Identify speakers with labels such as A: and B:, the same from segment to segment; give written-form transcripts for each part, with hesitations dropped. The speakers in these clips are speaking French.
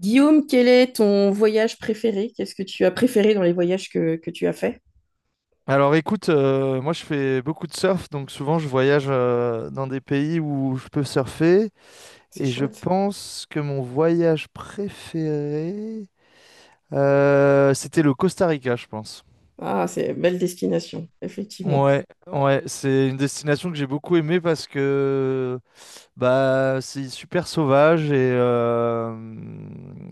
A: Guillaume, quel est ton voyage préféré? Qu'est-ce que tu as préféré dans les voyages que tu as fait?
B: Alors écoute, moi je fais beaucoup de surf, donc souvent je voyage dans des pays où je peux surfer,
A: C'est
B: et je
A: chouette.
B: pense que mon voyage préféré, c'était le Costa Rica, je pense.
A: Ah, c'est belle destination, effectivement.
B: Ouais, ouais, c'est une destination que j'ai beaucoup aimée parce que bah c'est super sauvage et euh,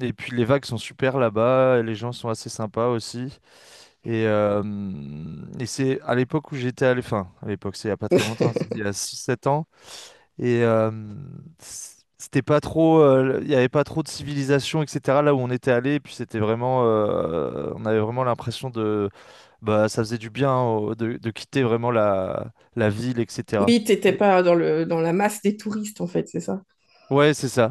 B: et puis les vagues sont super là-bas, et les gens sont assez sympas aussi. Et, euh, et c'est à l'époque où j'étais à enfin, à l'époque, c'est il y a pas très longtemps, c'est il y a 6, 7 ans. Et euh, C'était pas trop, il y avait pas trop de civilisation, etc. Là où on était allé, et puis c'était vraiment, on avait vraiment l'impression de, bah, ça faisait du bien hein, de quitter vraiment la ville, etc.
A: Oui, t'étais
B: Et-
A: pas dans le dans la masse des touristes en fait, c'est ça?
B: ouais, c'est ça.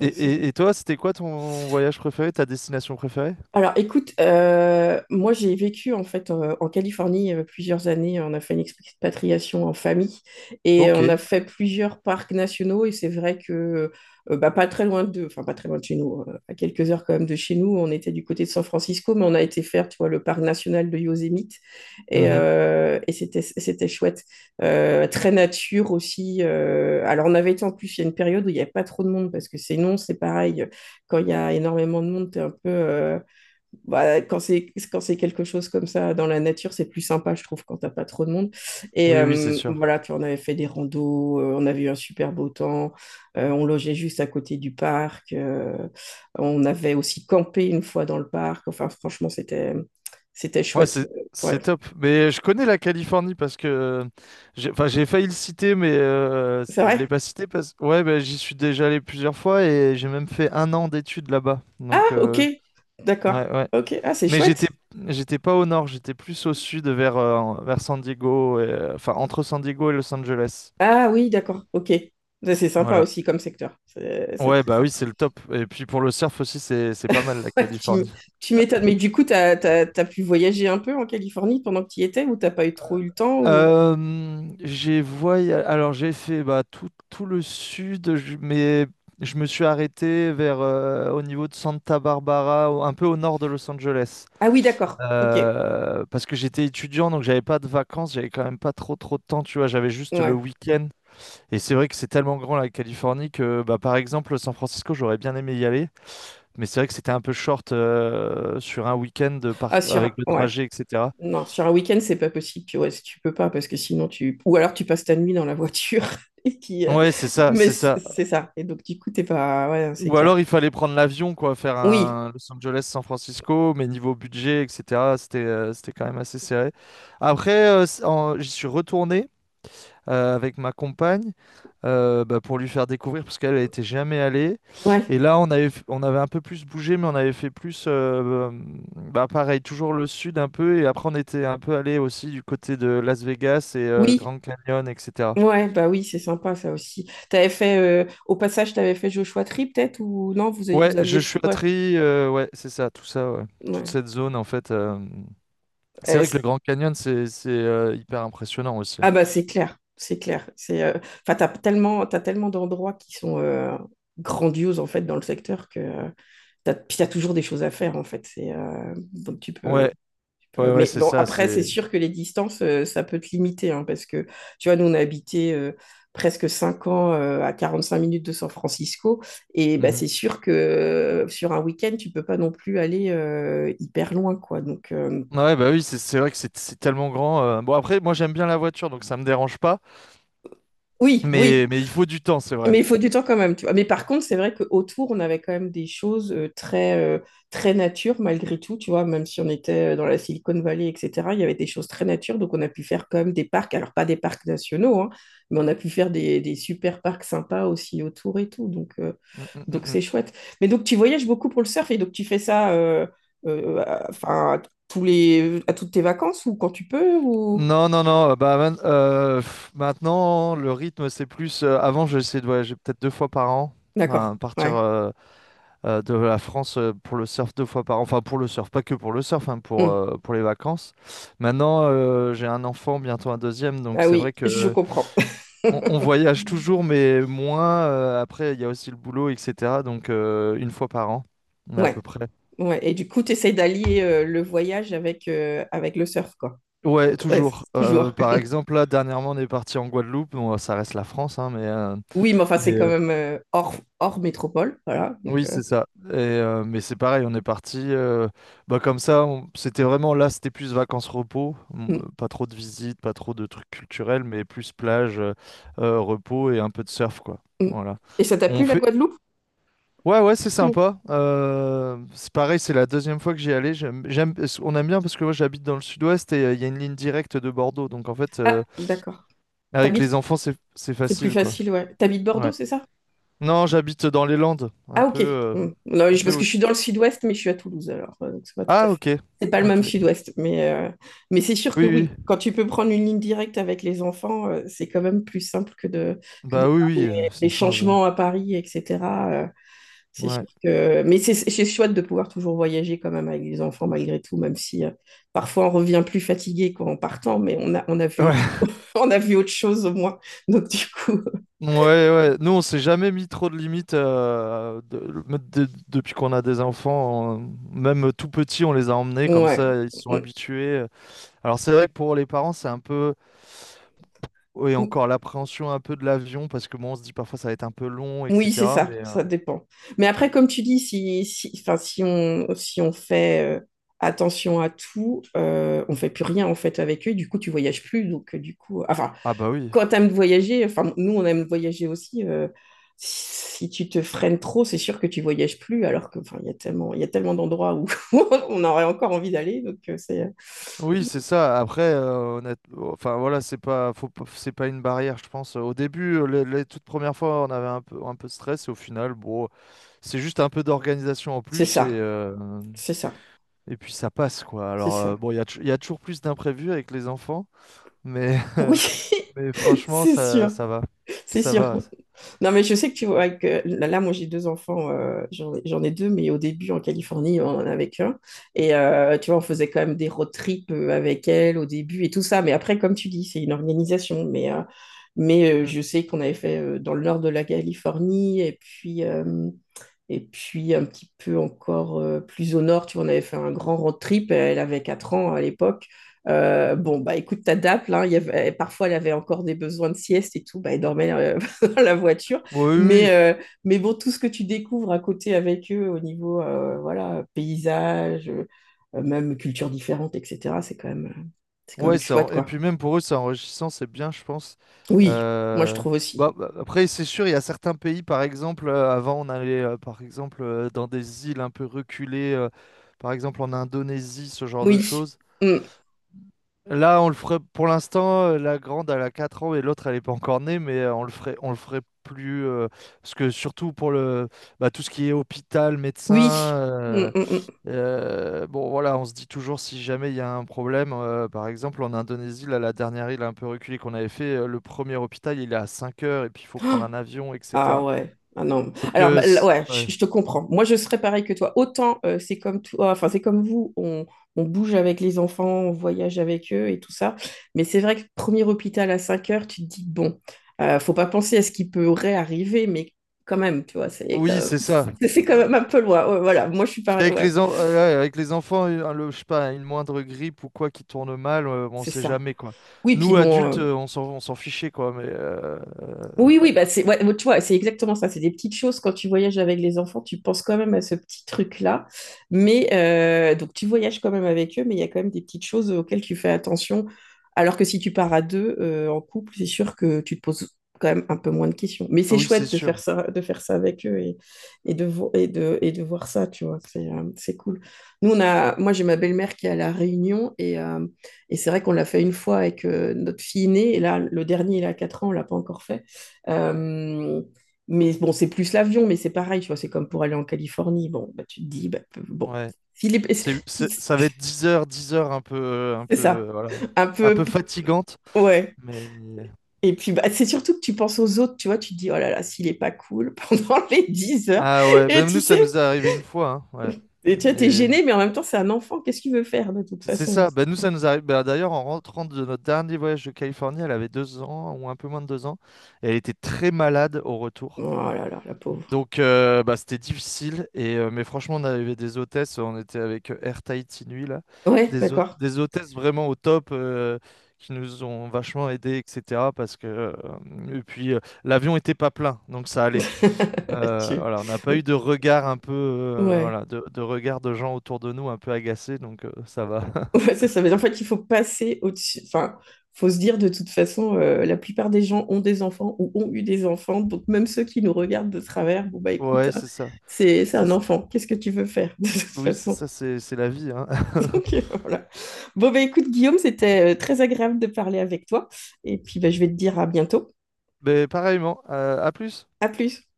B: Et,
A: c'est-
B: et, et toi, c'était quoi ton voyage préféré, ta destination préférée?
A: Alors, écoute, moi j'ai vécu en fait en Californie plusieurs années. On a fait une expatriation en famille et on
B: Ok.
A: a fait plusieurs parcs nationaux. Et c'est vrai que bah, pas très loin de, enfin pas très loin de chez nous, à quelques heures quand même de chez nous. On était du côté de San Francisco, mais on a été faire, tu vois, le parc national de Yosemite
B: Mhm.
A: et c'était chouette. Très nature aussi. Alors on avait été en plus il y a une période où il n'y avait pas trop de monde, parce que sinon c'est pareil quand il y a énormément de monde, t'es un peu, bah, quand c'est quelque chose comme ça dans la nature, c'est plus sympa, je trouve, quand t'as pas trop de monde. Et
B: Oui, oui, c'est sûr.
A: voilà, puis on avait fait des randos, on avait eu un super beau temps, on logeait juste à côté du parc, on avait aussi campé une fois dans le parc. Enfin, franchement, c'était
B: Ouais,
A: chouette.
B: c'est
A: Ouais,
B: c'est top. Mais je connais la Californie parce que j'ai, enfin, j'ai failli le citer, mais
A: c'est
B: je
A: vrai.
B: l'ai pas cité parce que ouais, bah, j'y suis déjà allé plusieurs fois et j'ai même fait 1 an d'études là-bas.
A: Ah,
B: Donc,
A: ok, d'accord.
B: ouais, ouais.
A: Ok, ah, c'est
B: Mais j'étais
A: chouette.
B: j'étais pas au nord, j'étais plus au sud vers San Diego, enfin entre San Diego et Los Angeles.
A: Ah oui, d'accord, ok. Ça, c'est sympa
B: Voilà.
A: aussi comme secteur. C'est
B: Ouais,
A: très
B: bah oui, c'est le top. Et puis pour le surf aussi, c'est pas mal la
A: Ouais, tu m-
B: Californie.
A: tu m'étonnes. Mais du coup, t'as pu voyager un peu en Californie pendant que tu y étais, ou t'as pas eu trop eu le temps ou...
B: Alors j'ai fait bah, tout le sud, je me suis arrêté vers au niveau de Santa Barbara, un peu au nord de Los Angeles.
A: Ah oui, d'accord. Ok.
B: Parce que j'étais étudiant, donc j'avais pas de vacances, j'avais quand même pas trop de temps, tu vois, j'avais juste le
A: Ouais.
B: week-end. Et c'est vrai que c'est tellement grand la Californie que, bah, par exemple, San Francisco, j'aurais bien aimé y aller, mais c'est vrai que c'était un peu short sur un week-end
A: Ah, sur
B: avec
A: un...
B: le
A: Ouais.
B: trajet, etc.
A: Non, sur un week-end, c'est pas possible. Puis ouais, si tu peux pas, parce que sinon tu... Ou alors tu passes ta nuit dans la voiture. Et puis,
B: Ouais, c'est ça,
A: mais
B: c'est
A: c'est
B: ça.
A: c'est ça. Et donc, du coup, t'es pas... Ouais, c'est
B: Ou
A: clair.
B: alors il fallait prendre l'avion, quoi, faire
A: Oui.
B: un Los Angeles-San Francisco, mais niveau budget, etc., c'était quand même assez serré. Après, j'y suis retourné avec ma compagne, bah, pour lui faire découvrir, parce qu'elle n'était jamais allée.
A: Ouais.
B: Et là, on avait un peu plus bougé, mais on avait fait plus, bah, pareil, toujours le sud un peu, et après on était un peu allé aussi du côté de Las Vegas et
A: Oui.
B: Grand Canyon, etc.
A: Ouais, bah oui, c'est sympa ça aussi. T'avais fait... Au passage, t'avais fait Joshua Tree peut-être, ou non, vous
B: Ouais, je
A: aviez
B: suis
A: fait...
B: à
A: Ouais.
B: Tri, ouais, c'est ça, tout ça, ouais. Toute
A: Ouais.
B: cette zone, en fait. C'est
A: Euh,
B: vrai que le Grand Canyon, c'est hyper impressionnant aussi.
A: Ah bah c'est clair, c'est clair. C'est, enfin, t'as tellement d'endroits qui sont grandioses en fait dans le secteur, que t'as, puis t'as toujours des choses à faire en fait. C'est, donc
B: Ouais, ouais, ouais,
A: mais
B: c'est
A: bon,
B: ça,
A: après
B: c'est...
A: c'est sûr que les distances, ça peut te limiter hein, parce que tu vois, nous on a habité presque 5 ans à 45 minutes de San Francisco, et bah
B: Mhm.
A: c'est sûr que sur un week-end tu peux pas non plus aller hyper loin quoi. Donc
B: Ouais, bah oui, c'est vrai que c'est tellement grand. Bon, après, moi, j'aime bien la voiture, donc ça me dérange pas,
A: oui, oui,
B: mais il faut du temps, c'est vrai.
A: mais il faut du temps quand même, tu vois. Mais par contre, c'est vrai qu'autour, on avait quand même des choses très, très nature malgré tout, tu vois. Même si on était dans la Silicon Valley, etc., il y avait des choses très nature. Donc, on a pu faire quand même des parcs. Alors, pas des parcs nationaux, hein, mais on a pu faire des super parcs sympas aussi autour et tout.
B: Mm, mm, mm,
A: Donc
B: mm.
A: c'est chouette. Mais donc, tu voyages beaucoup pour le surf, et donc tu fais ça enfin, à toutes tes vacances, ou quand tu peux, ou...
B: Non, non, non, bah, maintenant, le rythme, c'est plus. Avant, j'essayais de voyager peut-être 2 fois par an, hein,
A: D'accord, ouais.
B: de la France pour le surf 2 fois par an. Enfin, pour le surf, pas que pour le surf, hein, pour,
A: Hmm.
B: euh, pour les vacances. Maintenant, j'ai un enfant, bientôt un deuxième, donc
A: Ah
B: c'est vrai
A: oui, je
B: que
A: comprends.
B: on voyage toujours, mais moins. Après, il y a aussi le boulot, etc. Donc, une fois par an, à
A: Ouais.
B: peu près.
A: Ouais, et du coup, tu essaies d'allier le voyage avec, avec le surf, quoi.
B: Ouais,
A: Ouais,
B: toujours.
A: c'est toujours.
B: Par exemple, là, dernièrement, on est parti en Guadeloupe. Bon, ça reste la France, hein, mais, euh,
A: Oui, mais enfin,
B: mais
A: c'est quand même hors métropole, voilà. Donc,
B: oui, c'est ça. Mais c'est pareil, on est parti bah, comme ça. C'était vraiment là, c'était plus vacances-repos.
A: mm,
B: Pas trop de visites, pas trop de trucs culturels, mais plus plage, repos et un peu de surf, quoi.
A: mm.
B: Voilà.
A: Et ça t'a
B: On
A: plu, la
B: fait.
A: Guadeloupe?
B: Ouais, ouais, c'est
A: Mm.
B: sympa. C'est pareil, c'est la deuxième fois que j'y allais. On aime bien parce que moi j'habite dans le sud-ouest et il y a une ligne directe de Bordeaux. Donc en fait,
A: Ah, d'accord.
B: avec
A: T'habites,
B: les enfants, c'est
A: c'est plus
B: facile, quoi.
A: facile, ouais. T'habites Bordeaux,
B: Ouais.
A: c'est ça?
B: Non, j'habite dans les Landes, un
A: Ah,
B: peu,
A: ok. Hmm. Non,
B: un
A: je-
B: peu
A: Parce
B: au,
A: que je suis dans le sud-ouest, mais je suis à Toulouse, alors. Donc, c'est pas tout à
B: Ah,
A: fait.
B: ok.
A: C'est pas le même
B: Ok.
A: sud-ouest, mais c'est sûr que
B: Oui, oui.
A: oui. Quand tu peux prendre une ligne directe avec les enfants, c'est quand même plus simple que de
B: Bah oui,
A: faire
B: oui,
A: des
B: ça change.
A: changements à Paris, etc. euh, c'est
B: Ouais.
A: sûr que... Mais c'est chouette de pouvoir toujours voyager quand même avec les enfants, malgré tout, même si parfois on revient plus fatigué qu'en partant, mais on a vu
B: Ouais.
A: autre... on a vu autre chose au moins. Donc, du coup,
B: Ouais, ouais. Nous, on s'est jamais mis trop de limites depuis qu'on a des enfants. Même tout petits, on les a emmenés comme
A: ouais.
B: ça, ils se sont habitués. Alors, c'est vrai que pour les parents, c'est un peu. Oui,
A: Mm.
B: encore l'appréhension un peu de l'avion, parce que bon, on se dit parfois ça va être un peu long,
A: Oui, c'est
B: etc.
A: ça, ça dépend. Mais après, comme tu dis, si, si, enfin, si on fait attention à tout, on fait plus rien en fait avec eux, du coup, tu voyages plus. Donc, du coup, enfin,
B: Ah, bah oui.
A: quand tu aimes voyager, enfin, nous, on aime voyager aussi. Si tu te freines trop, c'est sûr que tu voyages plus, alors que, enfin, il y a tellement d'endroits où on aurait encore envie d'aller. Donc,
B: Oui, c'est ça. Après, oh, enfin voilà, c'est pas, faut pas- c'est pas une barrière, je pense. Au début, les toutes premières fois, on avait un peu de stress, et au final, bon, c'est juste un peu d'organisation en
A: c'est
B: plus, et
A: ça,
B: euh,
A: c'est ça,
B: et puis ça passe quoi.
A: c'est
B: Alors
A: ça.
B: bon, il y a toujours plus d'imprévus avec les enfants, mais
A: Oui,
B: mais franchement,
A: c'est
B: ça,
A: sûr,
B: ça va,
A: c'est
B: ça
A: sûr.
B: va.
A: Non, mais je sais que tu vois que là, moi j'ai deux enfants, j'en ai deux, mais au début en Californie, on en avait qu'un. Et tu vois, on faisait quand même des road trips avec elle au début et tout ça. Mais après, comme tu dis, c'est une organisation. Mais
B: Mm.
A: je sais qu'on avait fait dans le nord de la Californie, et puis un petit peu encore plus au nord, tu vois, on avait fait un grand road trip. Elle avait 4 ans à l'époque. Bon, bah écoute, t'adaptes, là, il y avait, parfois elle avait encore des besoins de sieste et tout, bah elle dormait dans la voiture.
B: Oui, oui,
A: Mais,
B: oui.
A: euh, mais bon, tout ce que tu découvres à côté avec eux au niveau voilà, paysage, même culture différente, etc., c'est quand
B: Ouais,
A: même chouette,
B: et
A: quoi.
B: puis même pour eux, c'est enrichissant, c'est bien, je pense.
A: Oui, moi je
B: Euh,
A: trouve aussi.
B: bah, après, c'est sûr, il y a certains pays, par exemple, avant, on allait, par exemple, dans des îles un peu reculées, par exemple en Indonésie, ce genre de
A: Oui,
B: choses.
A: mm.
B: Là, on le ferait, pour l'instant, la grande, elle a 4 ans et l'autre, elle n'est pas encore née, mais on le ferait plus, parce que surtout pour le, bah, tout ce qui est hôpital, médecin,
A: Oui. Mm,
B: euh,
A: mm, mm.
B: bon, voilà, on se dit toujours si jamais il y a un problème. Par exemple, en Indonésie, là, la dernière île un peu reculée qu'on avait fait, le premier hôpital, il est à 5 heures et puis il faut prendre un avion,
A: Ah
B: etc.
A: ouais, ah non.
B: Donc,
A: Alors bah, là, ouais,
B: ouais.
A: je te comprends. Moi, je serais pareil que toi. Autant c'est comme toi, enfin c'est comme vous, on bouge avec les enfants, on voyage avec eux et tout ça. Mais c'est vrai que premier hôpital à 5 heures, tu te dis bon, faut pas penser à ce qui pourrait arriver, mais quand même, tu vois, c'est quand
B: Oui,
A: même,
B: c'est ça.
A: c'est quand
B: Euh,
A: même un peu loin. Ouais, voilà, moi je suis
B: Parce
A: pareil.
B: qu'avec
A: Ouais,
B: ouais, avec les enfants, je sais pas, une moindre grippe ou quoi qui tourne mal, on
A: c'est
B: sait
A: ça.
B: jamais, quoi.
A: Oui, puis
B: Nous,
A: bon.
B: adultes, on s'en fichait, quoi.
A: Oui,
B: Ouais.
A: oui, bah c'est, ouais, tu vois, c'est exactement ça. C'est des petites choses. Quand tu voyages avec les enfants, tu penses quand même à ce petit truc-là. Mais donc, tu voyages quand même avec eux, mais il y a quand même des petites choses auxquelles tu fais attention. Alors que si tu pars à deux en couple, c'est sûr que tu te poses quand même un peu moins de questions. Mais
B: Ah
A: c'est
B: oui, c'est
A: chouette
B: sûr.
A: de faire ça avec eux, et de, vo- et de voir ça, tu vois. C'est cool. Nous, moi, j'ai ma belle-mère qui est à La Réunion, et c'est vrai qu'on l'a fait une fois avec notre fille aînée. Et là, le dernier, il a 4 ans, on l'a pas encore fait. Euh, mais bon, c'est plus l'avion, mais c'est pareil, tu vois, c'est comme pour aller en Californie. Bon, bah, tu te dis, bah, bon,
B: Ouais.
A: s'il est-
B: Ça va être 10 heures, 10 heures un peu,
A: c'est ça,
B: voilà,
A: un
B: un
A: peu,
B: peu fatigante.
A: ouais.
B: Mais...
A: Et puis, bah, c'est surtout que tu penses aux autres, tu vois, tu te dis, oh là là, s'il est pas cool pendant les 10 heures.
B: Ah ouais,
A: Et
B: ben
A: tu
B: nous ça
A: sais,
B: nous est arrivé une fois, hein, ouais.
A: et tu vois, t'es
B: Et
A: gêné, mais en même temps, c'est un enfant, qu'est-ce qu'il veut faire de toute
B: c'est
A: façon?
B: ça, ben nous ça nous arrive. Ben d'ailleurs en rentrant de notre dernier voyage de Californie, elle avait 2 ans ou un peu moins de 2 ans, et elle était très malade au retour.
A: Oh là là, la pauvre.
B: Donc bah, c'était difficile, mais franchement on avait des hôtesses, on était avec Air Tahiti Nui là,
A: Ouais, d'accord.
B: des hôtesses vraiment au top. Qui nous ont vachement aidés, etc. Et puis, l'avion était pas plein, donc ça allait.
A: Tu-
B: Voilà, on n'a pas eu de regard un peu,
A: Ouais.
B: voilà, de regard de gens autour de nous un peu agacés, donc ça va.
A: Ouais, c'est ça. Mais en fait, il faut passer au-dessus. Enfin, faut se dire de toute façon, la plupart des gens ont des enfants ou ont eu des enfants. Donc, même ceux qui nous regardent de travers, bon, bah écoute,
B: Ouais,
A: hein,
B: c'est ça.
A: c'est
B: C'est,
A: un enfant. Qu'est-ce que tu veux faire de toute
B: oui, c'est
A: façon?
B: ça, c'est la vie, hein.
A: Donc, voilà. Bon, bah écoute, Guillaume, c'était très agréable de parler avec toi. Et puis, bah, je vais te dire à bientôt.
B: Mais pareillement, à plus.
A: À plus.